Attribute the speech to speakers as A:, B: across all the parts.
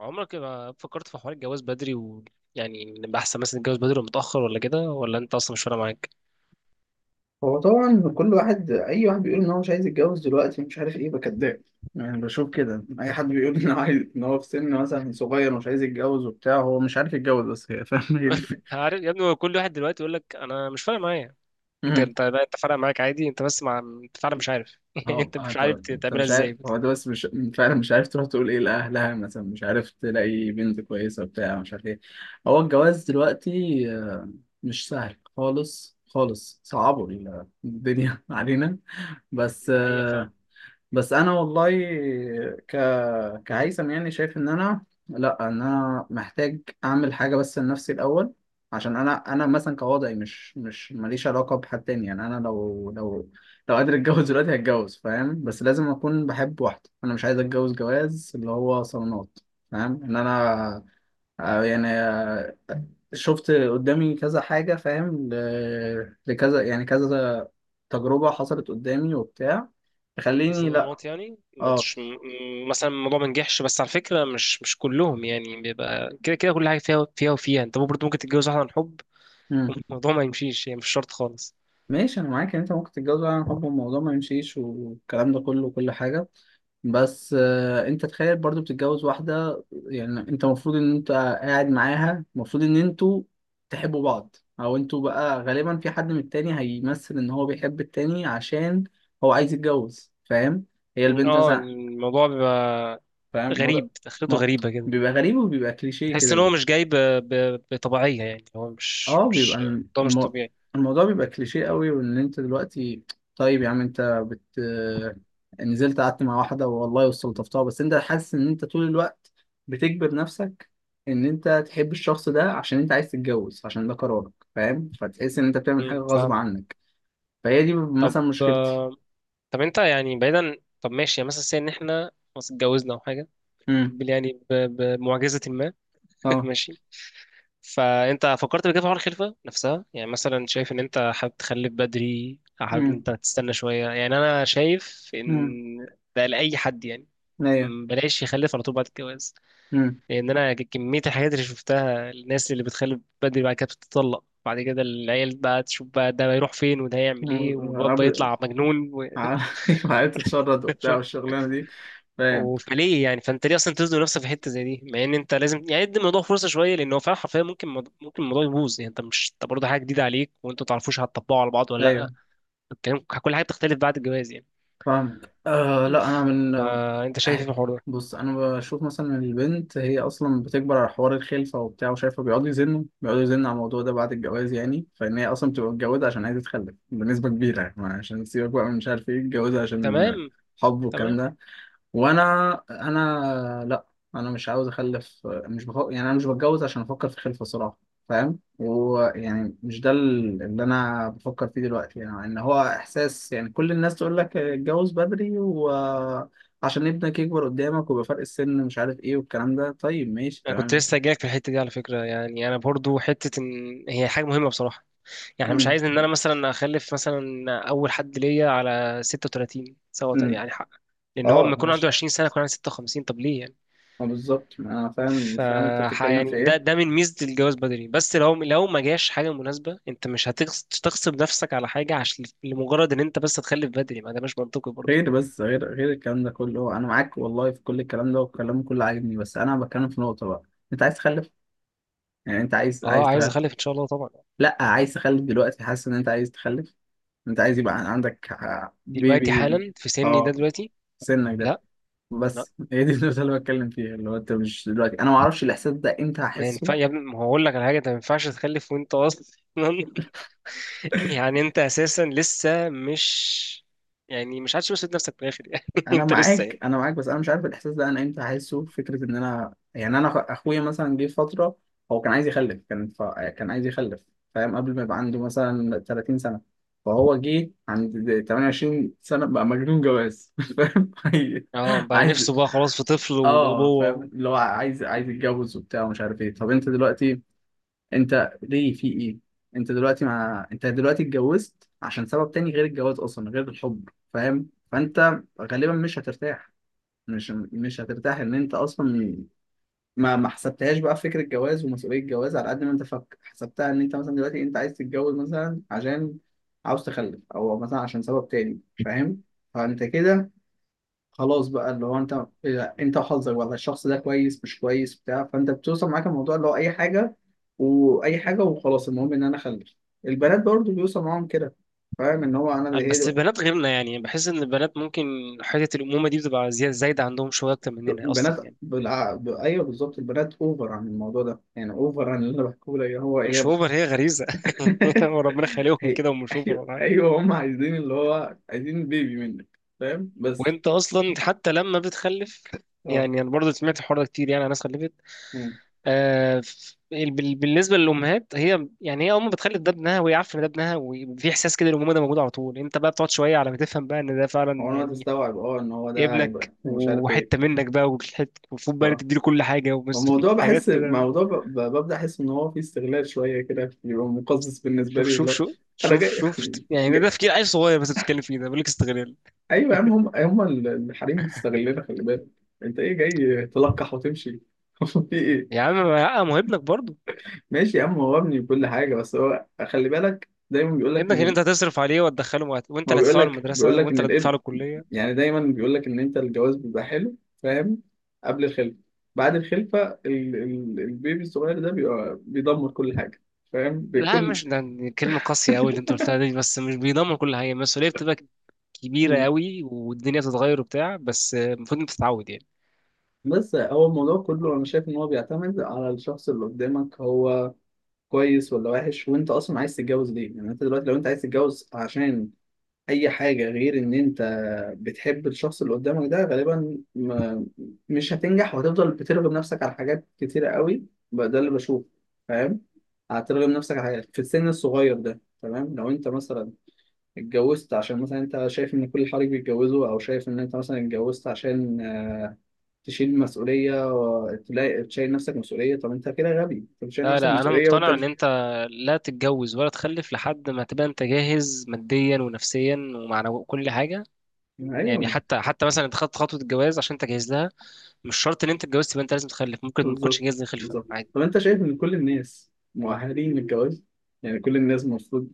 A: عمرك ما فكرت في حوار الجواز بدري و نبقى احسن مثلا نتجوز بدري ولا متاخر ولا كده، ولا انت اصلا مش فارق معاك؟
B: هو طبعا كل واحد، اي واحد بيقول ان هو مش عايز يتجوز دلوقتي، مش عارف ايه، بكداب. يعني بشوف كده اي حد بيقول ان هو عايز، ان هو في سن مثلا صغير ومش عايز يتجوز وبتاع، هو مش عارف يتجوز، بس هي، فاهم، هي دي الفكرة.
A: عارف يا ابني، هو كل واحد دلوقتي يقول لك انا مش فارق معايا. انت
B: مم.
A: انت لا، انت فارق معاك عادي، انت بس مع انت فعلا مش عارف انت مش
B: انت
A: عارف
B: انت
A: تعملها
B: مش
A: ازاي
B: عارف، هو
A: بس.
B: ده بس، مش فعلا مش عارف تروح تقول ايه لاهلها مثلا، مش عارف تلاقي بنت كويسه بتاع مش عارف ايه. هو الجواز دلوقتي آه، مش سهل خالص، خالص صعبوا الدنيا علينا. بس
A: ده حقيقه فعلا.
B: آه، بس انا والله ك كهيثم يعني شايف ان انا، لا، ان انا محتاج اعمل حاجه بس لنفسي الاول. عشان انا مثلا كوضعي، مش ماليش علاقه بحد تاني. يعني انا لو قادر اتجوز دلوقتي هتجوز، فاهم، بس لازم اكون بحب واحده. انا مش عايز اتجوز جواز اللي هو صالونات. فاهم ان انا آه، يعني آه، شفت قدامي كذا حاجه، فاهم، لكذا، يعني كذا تجربه حصلت قدامي وبتاع، تخليني لا.
A: الصالونات يعني ما
B: اه.
A: تش... م- مثلا الموضوع ما نجحش، بس على فكره مش كلهم يعني بيبقى كده، كده كل حاجه فيها فيها وفيها. انت برضه ممكن تتجوز واحده عن حب،
B: مم.
A: الموضوع ما يمشيش، هي يعني مش شرط خالص.
B: ماشي، انا معاك ان انت ممكن تتجوز عن حب والموضوع ما يمشيش، والكلام ده كله وكل حاجه. بس آه، انت تخيل برضو بتتجوز واحده، يعني انت المفروض ان انت قاعد معاها، المفروض ان انتوا تحبوا بعض، او انتوا بقى غالبا في حد من التاني هيمثل ان هو بيحب التاني، عشان هو عايز يتجوز، فاهم، هي البنت
A: اه،
B: مثلا.
A: الموضوع بيبقى
B: فاهم الموضوع.
A: غريب، دخلته
B: ما-
A: غريبه كده.
B: بيبقى غريب وبيبقى كليشيه
A: تحس
B: كده.
A: ان هو مش جاي ب... ب... بطبيعيه، يعني هو مش
B: اه بيبقى
A: مش ده مش طبيعي.
B: الموضوع بيبقى كليشيه قوي. وان انت دلوقتي، طيب يا عم، انت بت نزلت قعدت مع واحده والله واستلطفتها، بس انت حاسس ان انت طول الوقت بتجبر نفسك ان انت تحب الشخص ده، عشان انت عايز تتجوز، عشان ده قرارك، فاهم، فتحس ان انت بتعمل حاجه غصب
A: فاهمك.
B: عنك. فهي دي
A: طب
B: مثلا مشكلتي.
A: آه، طب انت بعيدا، طب ماشي يعني مثلا سي ان احنا خلاص اتجوزنا او حاجه،
B: امم.
A: بال- يعني ب... بمعجزه ما.
B: اه.
A: ماشي. فانت فكرت بكده في حوار الخلفه نفسها؟ يعني مثلا شايف ان انت حابب تخلف بدري، او حابب ان
B: امم.
A: انت تستنى شويه؟ يعني انا شايف
B: امم.
A: ان ده لاي حد، يعني
B: ايوه.
A: م، بلاش يخلف على طول بعد الجواز.
B: امم.
A: لان انا كميه الحاجات اللي شفتها، الناس اللي بتخلف بدري بعد كده بتتطلق، بعد كده العيال بقى تشوف بقى، ده هيروح فين وده هيعمل ايه، والواد بقى يطلع مجنون و...
B: عارف. عارف تتشرد وبتاع والشغلانه دي، فاهم.
A: و- فليه يعني، فانت ليه اصلا تزنق نفسك في حته زي دي؟ مع ان انت لازم يعني ادي الموضوع فرصه شويه، لان هو فعلا حرفيا ممكن الموضوع يبوظ. يعني انت مش، انت برضه حاجه جديده عليك وانتوا ما تعرفوش هتطبقوا على بعض ولا لا،
B: ايوه
A: الكلام كل حاجه بتختلف بعد الجواز يعني.
B: فاهمك. لا، انا من
A: فانت شايف ايه في الحوار ده؟
B: بص، انا بشوف مثلا البنت هي اصلا بتكبر على حوار الخلفه وبتاع، وشايفه بيقعدوا يزنوا، بيقعدوا يزنوا على الموضوع ده بعد الجواز، يعني فان هي اصلا بتبقى متجوزه عشان عايزه تخلف بنسبه كبيره، يعني عشان تسيبك بقى، من مش عارف ايه، متجوزه عشان
A: تمام،
B: حب والكلام
A: تمام.
B: ده. وانا، انا لا، انا مش عاوز اخلف، مش بفق... يعني انا مش بتجوز عشان افكر في الخلفه صراحه، فاهم. ويعني مش ده اللي انا بفكر فيه دلوقتي، يعني ان هو احساس، يعني كل الناس تقول لك اتجوز بدري، وعشان ابنك يكبر قدامك ويبقى فرق السن، مش عارف ايه والكلام ده، طيب ماشي
A: انا كنت
B: تمام.
A: لسه جايلك في الحته دي على فكره، يعني انا برضو حته ان هي حاجه مهمه بصراحه، يعني مش
B: امم.
A: عايز ان انا مثلا اخلف مثلا اول حد ليا على 36 سوا
B: امم.
A: يعني، حق. لان هو لما
B: اه
A: يكون عنده
B: ماشي.
A: 20 سنه يكون عنده 56، طب ليه يعني؟
B: اه بالظبط، انا فاهم،
A: ف
B: فاهم انت بتتكلم في
A: يعني ده
B: ايه.
A: ده من ميزه الجواز بدري، بس لو ما جاش حاجه مناسبه انت مش هتغصب نفسك على حاجه عشان لمجرد ان انت بس تخلف بدري، ما ده مش منطقي برضه.
B: غير بس غير غير الكلام ده كله، انا معاك والله في كل الكلام ده، والكلام كله عاجبني، بس انا بتكلم في نقطه بقى. انت عايز تخلف، يعني انت عايز
A: اه
B: عايز
A: عايز
B: تخلف؟
A: اخلف ان شاء الله طبعا.
B: لا، عايز تخلف دلوقتي، حاسس ان انت عايز تخلف، انت عايز يبقى عندك
A: دلوقتي
B: بيبي.
A: حالا في سني ده
B: اه
A: دلوقتي؟
B: في سنك ده.
A: لا، لا.
B: بس هي دي النقطه اللي بتكلم فيها، اللي هو انت مش دلوقتي، انا ما اعرفش الاحساس ده امتى
A: ما
B: هحسه.
A: ينفع يا ابني، ما هقول لك على حاجه، انت ما ينفعش تخلف وانت اصلا، يعني انت اساسا لسه مش، يعني مش عادش مسؤول نفسك في الاخر يعني
B: انا
A: انت لسه
B: معاك
A: يعني.
B: انا معاك بس انا مش عارف الاحساس ده انا امتى هحسه. فكره ان انا، يعني انا اخويا مثلا جه في فتره هو كان عايز يخلف، كان عايز يخلف، فاهم، قبل ما يبقى عنده مثلا 30 سنه، فهو جه عند 28 سنه بقى مجنون جواز فاهم،
A: اه، بقى
B: عايز-
A: نفسه بقى خلاص في طفل
B: اه فاهم،
A: والابوه
B: اللي هو عايز يتجوز وبتاع، ومش عارف ايه. طب انت دلوقتي، انت ليه في ايه؟ انت دلوقتي، انت دلوقتي اتجوزت عشان سبب تاني غير الجواز، اصلا غير الحب، فاهم، فانت غالبا مش هترتاح، مش هترتاح ان انت اصلا ما حسبتهاش بقى في فكره الجواز ومسؤوليه الجواز، على قد ما انت فك حسبتها ان انت مثلا دلوقتي انت عايز تتجوز مثلا عشان عاوز تخلف، او مثلا عشان سبب تاني، فاهم. فانت كده خلاص بقى، اللي هو انت، إذا انت وحظك والله الشخص ده كويس مش كويس بتاع فانت بتوصل معاك الموضوع، اللي هو اي حاجه واي حاجه وخلاص، المهم ان انا اخلف. البنات برضو بيوصل معاهم كده، فاهم، ان هو انا
A: و...
B: هي
A: بس البنات غيرنا، يعني بحس ان البنات ممكن حته الامومه دي بتبقى زياده، زايده عندهم شويه اكتر مننا اصلا
B: بنات
A: يعني.
B: ايوه بالظبط، البنات اوفر عن الموضوع ده، يعني اوفر عن اللي انا بحكيه لك، هو هي
A: مش
B: بس.
A: اوفر، هي غريزه وربنا خالقهم
B: هي
A: كده، ومش اوفر
B: ايوه،
A: ولا حاجه.
B: ايوه، هم عايزين اللي هو، عايزين بيبي منك، فاهم، بس.
A: وانت اصلا حتى لما بتخلف،
B: اه
A: يعني انا برضه سمعت الحوار ده كتير، يعني ناس خلفت،
B: يعني،
A: بالنسبه للامهات، هي يعني هي امه بتخلي ده ابنها، وهي عارفه ان ده ابنها، وفي احساس كده الامومه ده موجود على طول. انت بقى بتقعد شويه على ما تفهم بقى ان ده فعلا
B: هو انا
A: يعني
B: هتستوعب اه ان هو ده هيبقى،
A: ابنك
B: مش عارف ايه.
A: وحته منك بقى، وحته المفروض بقى
B: ف
A: تديله كل حاجه ومس
B: الموضوع
A: حاجات
B: بحس
A: كده.
B: موضوع ببدأ احس ان هو فيه استغلال شويه كده، بيبقى مقزز بالنسبه
A: شوف
B: لي، اللي
A: شوف
B: هو
A: شوف
B: انا
A: شوف
B: جاي,
A: شوف، يعني ده
B: جاي...
A: ده تفكير عيل صغير بس بتتكلم فيه، ده بيقول لك استغلال!
B: ايوه يا عم، هم الحريم بيستغلنا خلي بالك، انت ايه؟ جاي تلقح وتمشي في
A: يا
B: ايه.
A: عم، ما ما هو ابنك برضه،
B: ماشي يا عم، هو ابني كل حاجة، بس هو خلي بالك، دايما بيقول لك
A: ابنك
B: ان
A: اللي انت هتصرف عليه وهتدخله
B: ما
A: وانت
B: هو
A: اللي
B: بيقول
A: هتدفع له
B: لك
A: المدرسه،
B: بيقول لك ان
A: وانت اللي هتدفع
B: الابن،
A: له الكليه.
B: يعني دايما بيقول لك ان انت الجواز بيبقى حلو، فاهم، قبل الخلفة، بعد الخلفة البيبي الصغير ده بيبقى بيدمر كل حاجة، فاهم،
A: لا
B: بكل.
A: مش ده، يعني كلمة قاسية أوي اللي أنت قلتها دي، بس مش بيضمن كل حاجة، المسؤولية بتبقى كبيره
B: مم.
A: قوي، والدنيا تتغير وبتاع، بس المفروض انت تتعود يعني.
B: بس هو الموضوع كله انا شايف ان هو بيعتمد على الشخص اللي قدامك، هو كويس ولا وحش، وانت اصلا عايز تتجوز ليه. يعني انت دلوقتي لو انت عايز تتجوز عشان اي حاجة غير ان انت بتحب الشخص اللي قدامك ده، غالبا ما مش هتنجح، وهتفضل بترغم نفسك على حاجات كتيرة قوي بقى. ده اللي بشوفه، فاهم. هترغم نفسك على حاجات في السن الصغير ده. تمام، لو انت مثلا اتجوزت عشان مثلا انت شايف ان كل حريق بيتجوزوا، او شايف ان انت مثلا اتجوزت عشان تشيل مسؤولية تلاقي تشيل نفسك مسؤولية، طب انت كده غبي، انت بتشيل
A: لا
B: نفسك
A: لا انا
B: مسؤولية وانت
A: مقتنع ان
B: مش،
A: انت لا تتجوز ولا تخلف لحد ما تبقى انت جاهز ماديا ونفسيا ومعنويا كل حاجه. يعني
B: ايوه.
A: حتى مثلا انت خدت خطوه الجواز عشان انت جاهز لها، مش شرط ان انت اتجوزت يبقى انت لازم تخلف، ممكن ما تكونش
B: بالظبط.
A: جاهز للخلفه
B: بالظبط.
A: عادي.
B: طب انت شايف ان كل الناس مؤهلين للجواز؟ يعني كل الناس المفروض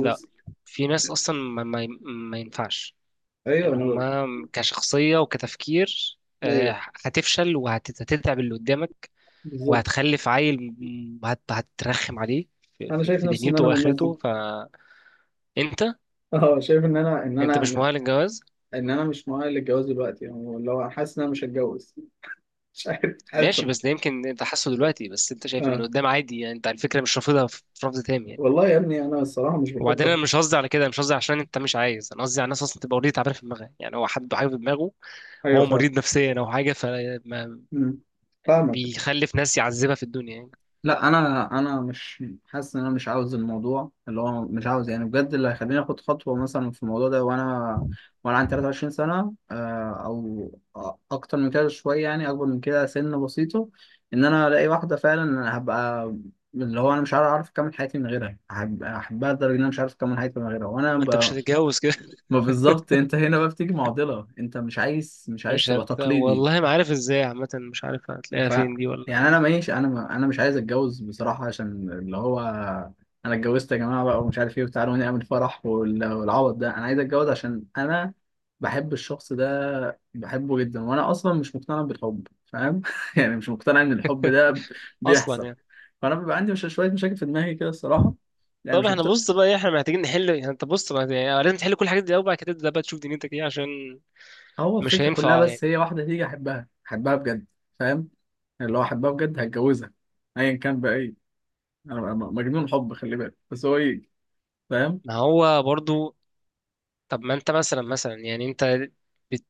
A: لا، في ناس اصلا ما ينفعش،
B: ايوه
A: يعني
B: انا بقى.
A: هما كشخصيه وكتفكير
B: ايوه.
A: آه، هتفشل وهتتعب اللي قدامك،
B: بالظبط،
A: وهتخلف عيل هترخم عليه في
B: انا شايف
A: في
B: نفسي ان
A: دنيته
B: انا من الناس
A: واخرته،
B: دي.
A: فانت
B: اه شايف ان انا، ان
A: انت مش
B: انا
A: مؤهل للجواز.
B: ان انا مش مؤهل للجواز دلوقتي، يعني اللي هو حاسس ان انا مش هتجوز مش عارف، حاسس.
A: ماشي، بس ده يمكن انت حاسه دلوقتي، بس انت شايف انه
B: اه
A: قدام عادي يعني، انت على فكره مش رافضها في في رفض تام يعني.
B: والله يا ابني انا الصراحه مش
A: وبعدين
B: بفكر.
A: انا مش قصدي على كده، مش قصدي عشان انت مش عايز، انا قصدي على الناس اصلا تبقى اوريدي تعبانه في دماغها، يعني هو حد حاجه في دماغه،
B: ايوه
A: هو مريض
B: فاهم.
A: نفسيا او حاجه، فما
B: مم. فاهمك.
A: بيخلف ناس يعذبها في الدنيا يعني.
B: لا انا مش حاسس ان انا مش عاوز الموضوع، اللي هو مش عاوز، يعني بجد اللي هيخليني اخد خطوه مثلا في الموضوع ده، وانا عندي 23 سنه، او اكتر من كده شويه، يعني اكبر من كده سن بسيطه، ان انا الاقي واحده فعلا هبقى، اللي هو انا مش عارف اعرف اكمل حياتي من غيرها، احبها لدرجه ان انا مش عارف اكمل حياتي من غيرها، وانا
A: ما انت مش هتتجوز كده
B: ما بالظبط، انت هنا بقى بتيجي معضله، انت مش عايز،
A: مش
B: تبقى
A: هت...
B: تقليدي.
A: والله ما عارف ازاي، عامه مش عارف هتلاقيها
B: ف
A: فين دي ولا
B: يعني انا
A: حاجه
B: ماشي، انا مش عايز اتجوز بصراحه عشان اللي هو، انا اتجوزت يا جماعه بقى ومش عارف ايه، وتعالوا نعمل فرح والعوض ده. انا عايز اتجوز عشان انا بحب الشخص ده، بحبه جدا، وانا اصلا مش مقتنع بالحب، فاهم يعني مش مقتنع ان الحب ده
A: اصلا
B: بيحصل.
A: يعني.
B: فانا بيبقى عندي مش شويه مشاكل في دماغي كده الصراحه، يعني
A: طب
B: مش
A: احنا،
B: مقتنع.
A: بص بقى إيه، احنا محتاجين نحل، يعني انت بص بقى يعني لازم تحل كل الحاجات دي الاول، بعد كده تبدا بقى تشوف دنيتك ايه، عشان
B: هو
A: مش
B: الفكره كلها
A: هينفع يعني.
B: بس هي، واحده تيجي احبها، احبها بجد، فاهم، اللي هو احبها بجد هتجوزها، ايا كان بقى إيه. انا بقى مجنون حب خلي بالك، بس هو ايه، فاهم.
A: ما هو برضو، طب ما انت مثلا، انت بت-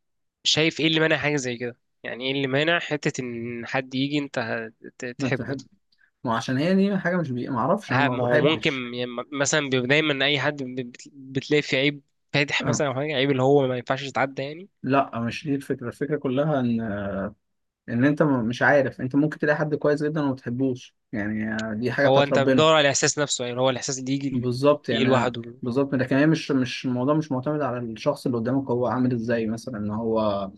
A: شايف ايه اللي مانع حاجه زي كده؟ يعني ايه اللي مانع حته ان حد يجي انت
B: ما
A: تحبه؟
B: تحب. ما عشان هي دي حاجه مش ما اعرفش، انا
A: ها،
B: ما
A: ما هو ممكن
B: بحبش.
A: يعني مثلا دايما اي حد بتلاقي فيه عيب فادح
B: آه.
A: مثلا او حاجه، عيب اللي هو ما ينفعش يتعدى يعني.
B: لا مش دي الفكره، الفكره كلها ان، ان انت مش عارف، انت ممكن تلاقي حد كويس جدا وما تحبوش، يعني دي حاجه
A: هو
B: بتاعت
A: انت
B: ربنا.
A: بتدور على الاحساس نفسه، يعني اللي هو الاحساس اللي
B: بالظبط، يعني
A: يجي لوحده.
B: بالظبط، لكن هي مش، الموضوع مش معتمد على الشخص اللي قدامك هو عامل ازاي، مثلا ان هو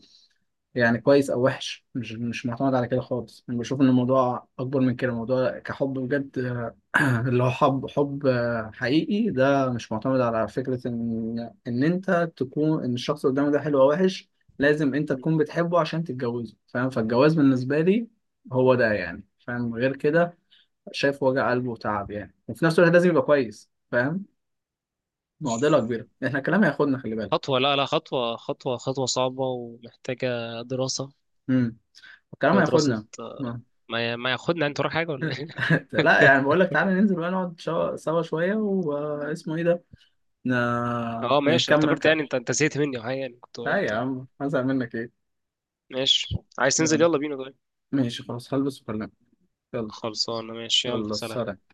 B: يعني كويس او وحش، مش معتمد على كده خالص. انا بشوف ان الموضوع اكبر من كده، الموضوع كحب بجد، اللي هو حب، حب حقيقي، ده مش معتمد على فكرة إن أنت تكون، إن الشخص اللي قدامك ده حلو أو وحش، لازم أنت تكون بتحبه عشان تتجوزه، فاهم. فالجواز بالنسبة لي هو ده يعني، فاهم، غير كده شايف وجع قلبه وتعب، يعني وفي نفس الوقت لازم يبقى كويس، فاهم. معضلة كبيرة، إحنا الكلام هياخدنا خلي بالك.
A: خطوة، لا لا خطوة، خطوة صعبة ومحتاجة دراسة،
B: امم. الكلام
A: محتاجة دراسة
B: هياخدنا. آه.
A: ما ما ياخدنا، انت وراك حاجة ولا ايه؟
B: لا يعني بقول لك تعالى ننزل بقى، نقعد سوا شوية، واسمه إيه ده،
A: اه ماشي، أنا
B: نكمل
A: افتكرت
B: كلام.
A: يعني، انت زهقت مني او حاجة، يعني كنت
B: لا يا
A: قلت
B: عم، هزعل منك إيه.
A: ماشي. عايز تنزل؟
B: يلا.
A: يلا بينا طيب.
B: ماشي خلاص، هلبس وكلمك. يلا.
A: خلصانة، ماشي، يلا
B: يلا
A: سلام.
B: سلام.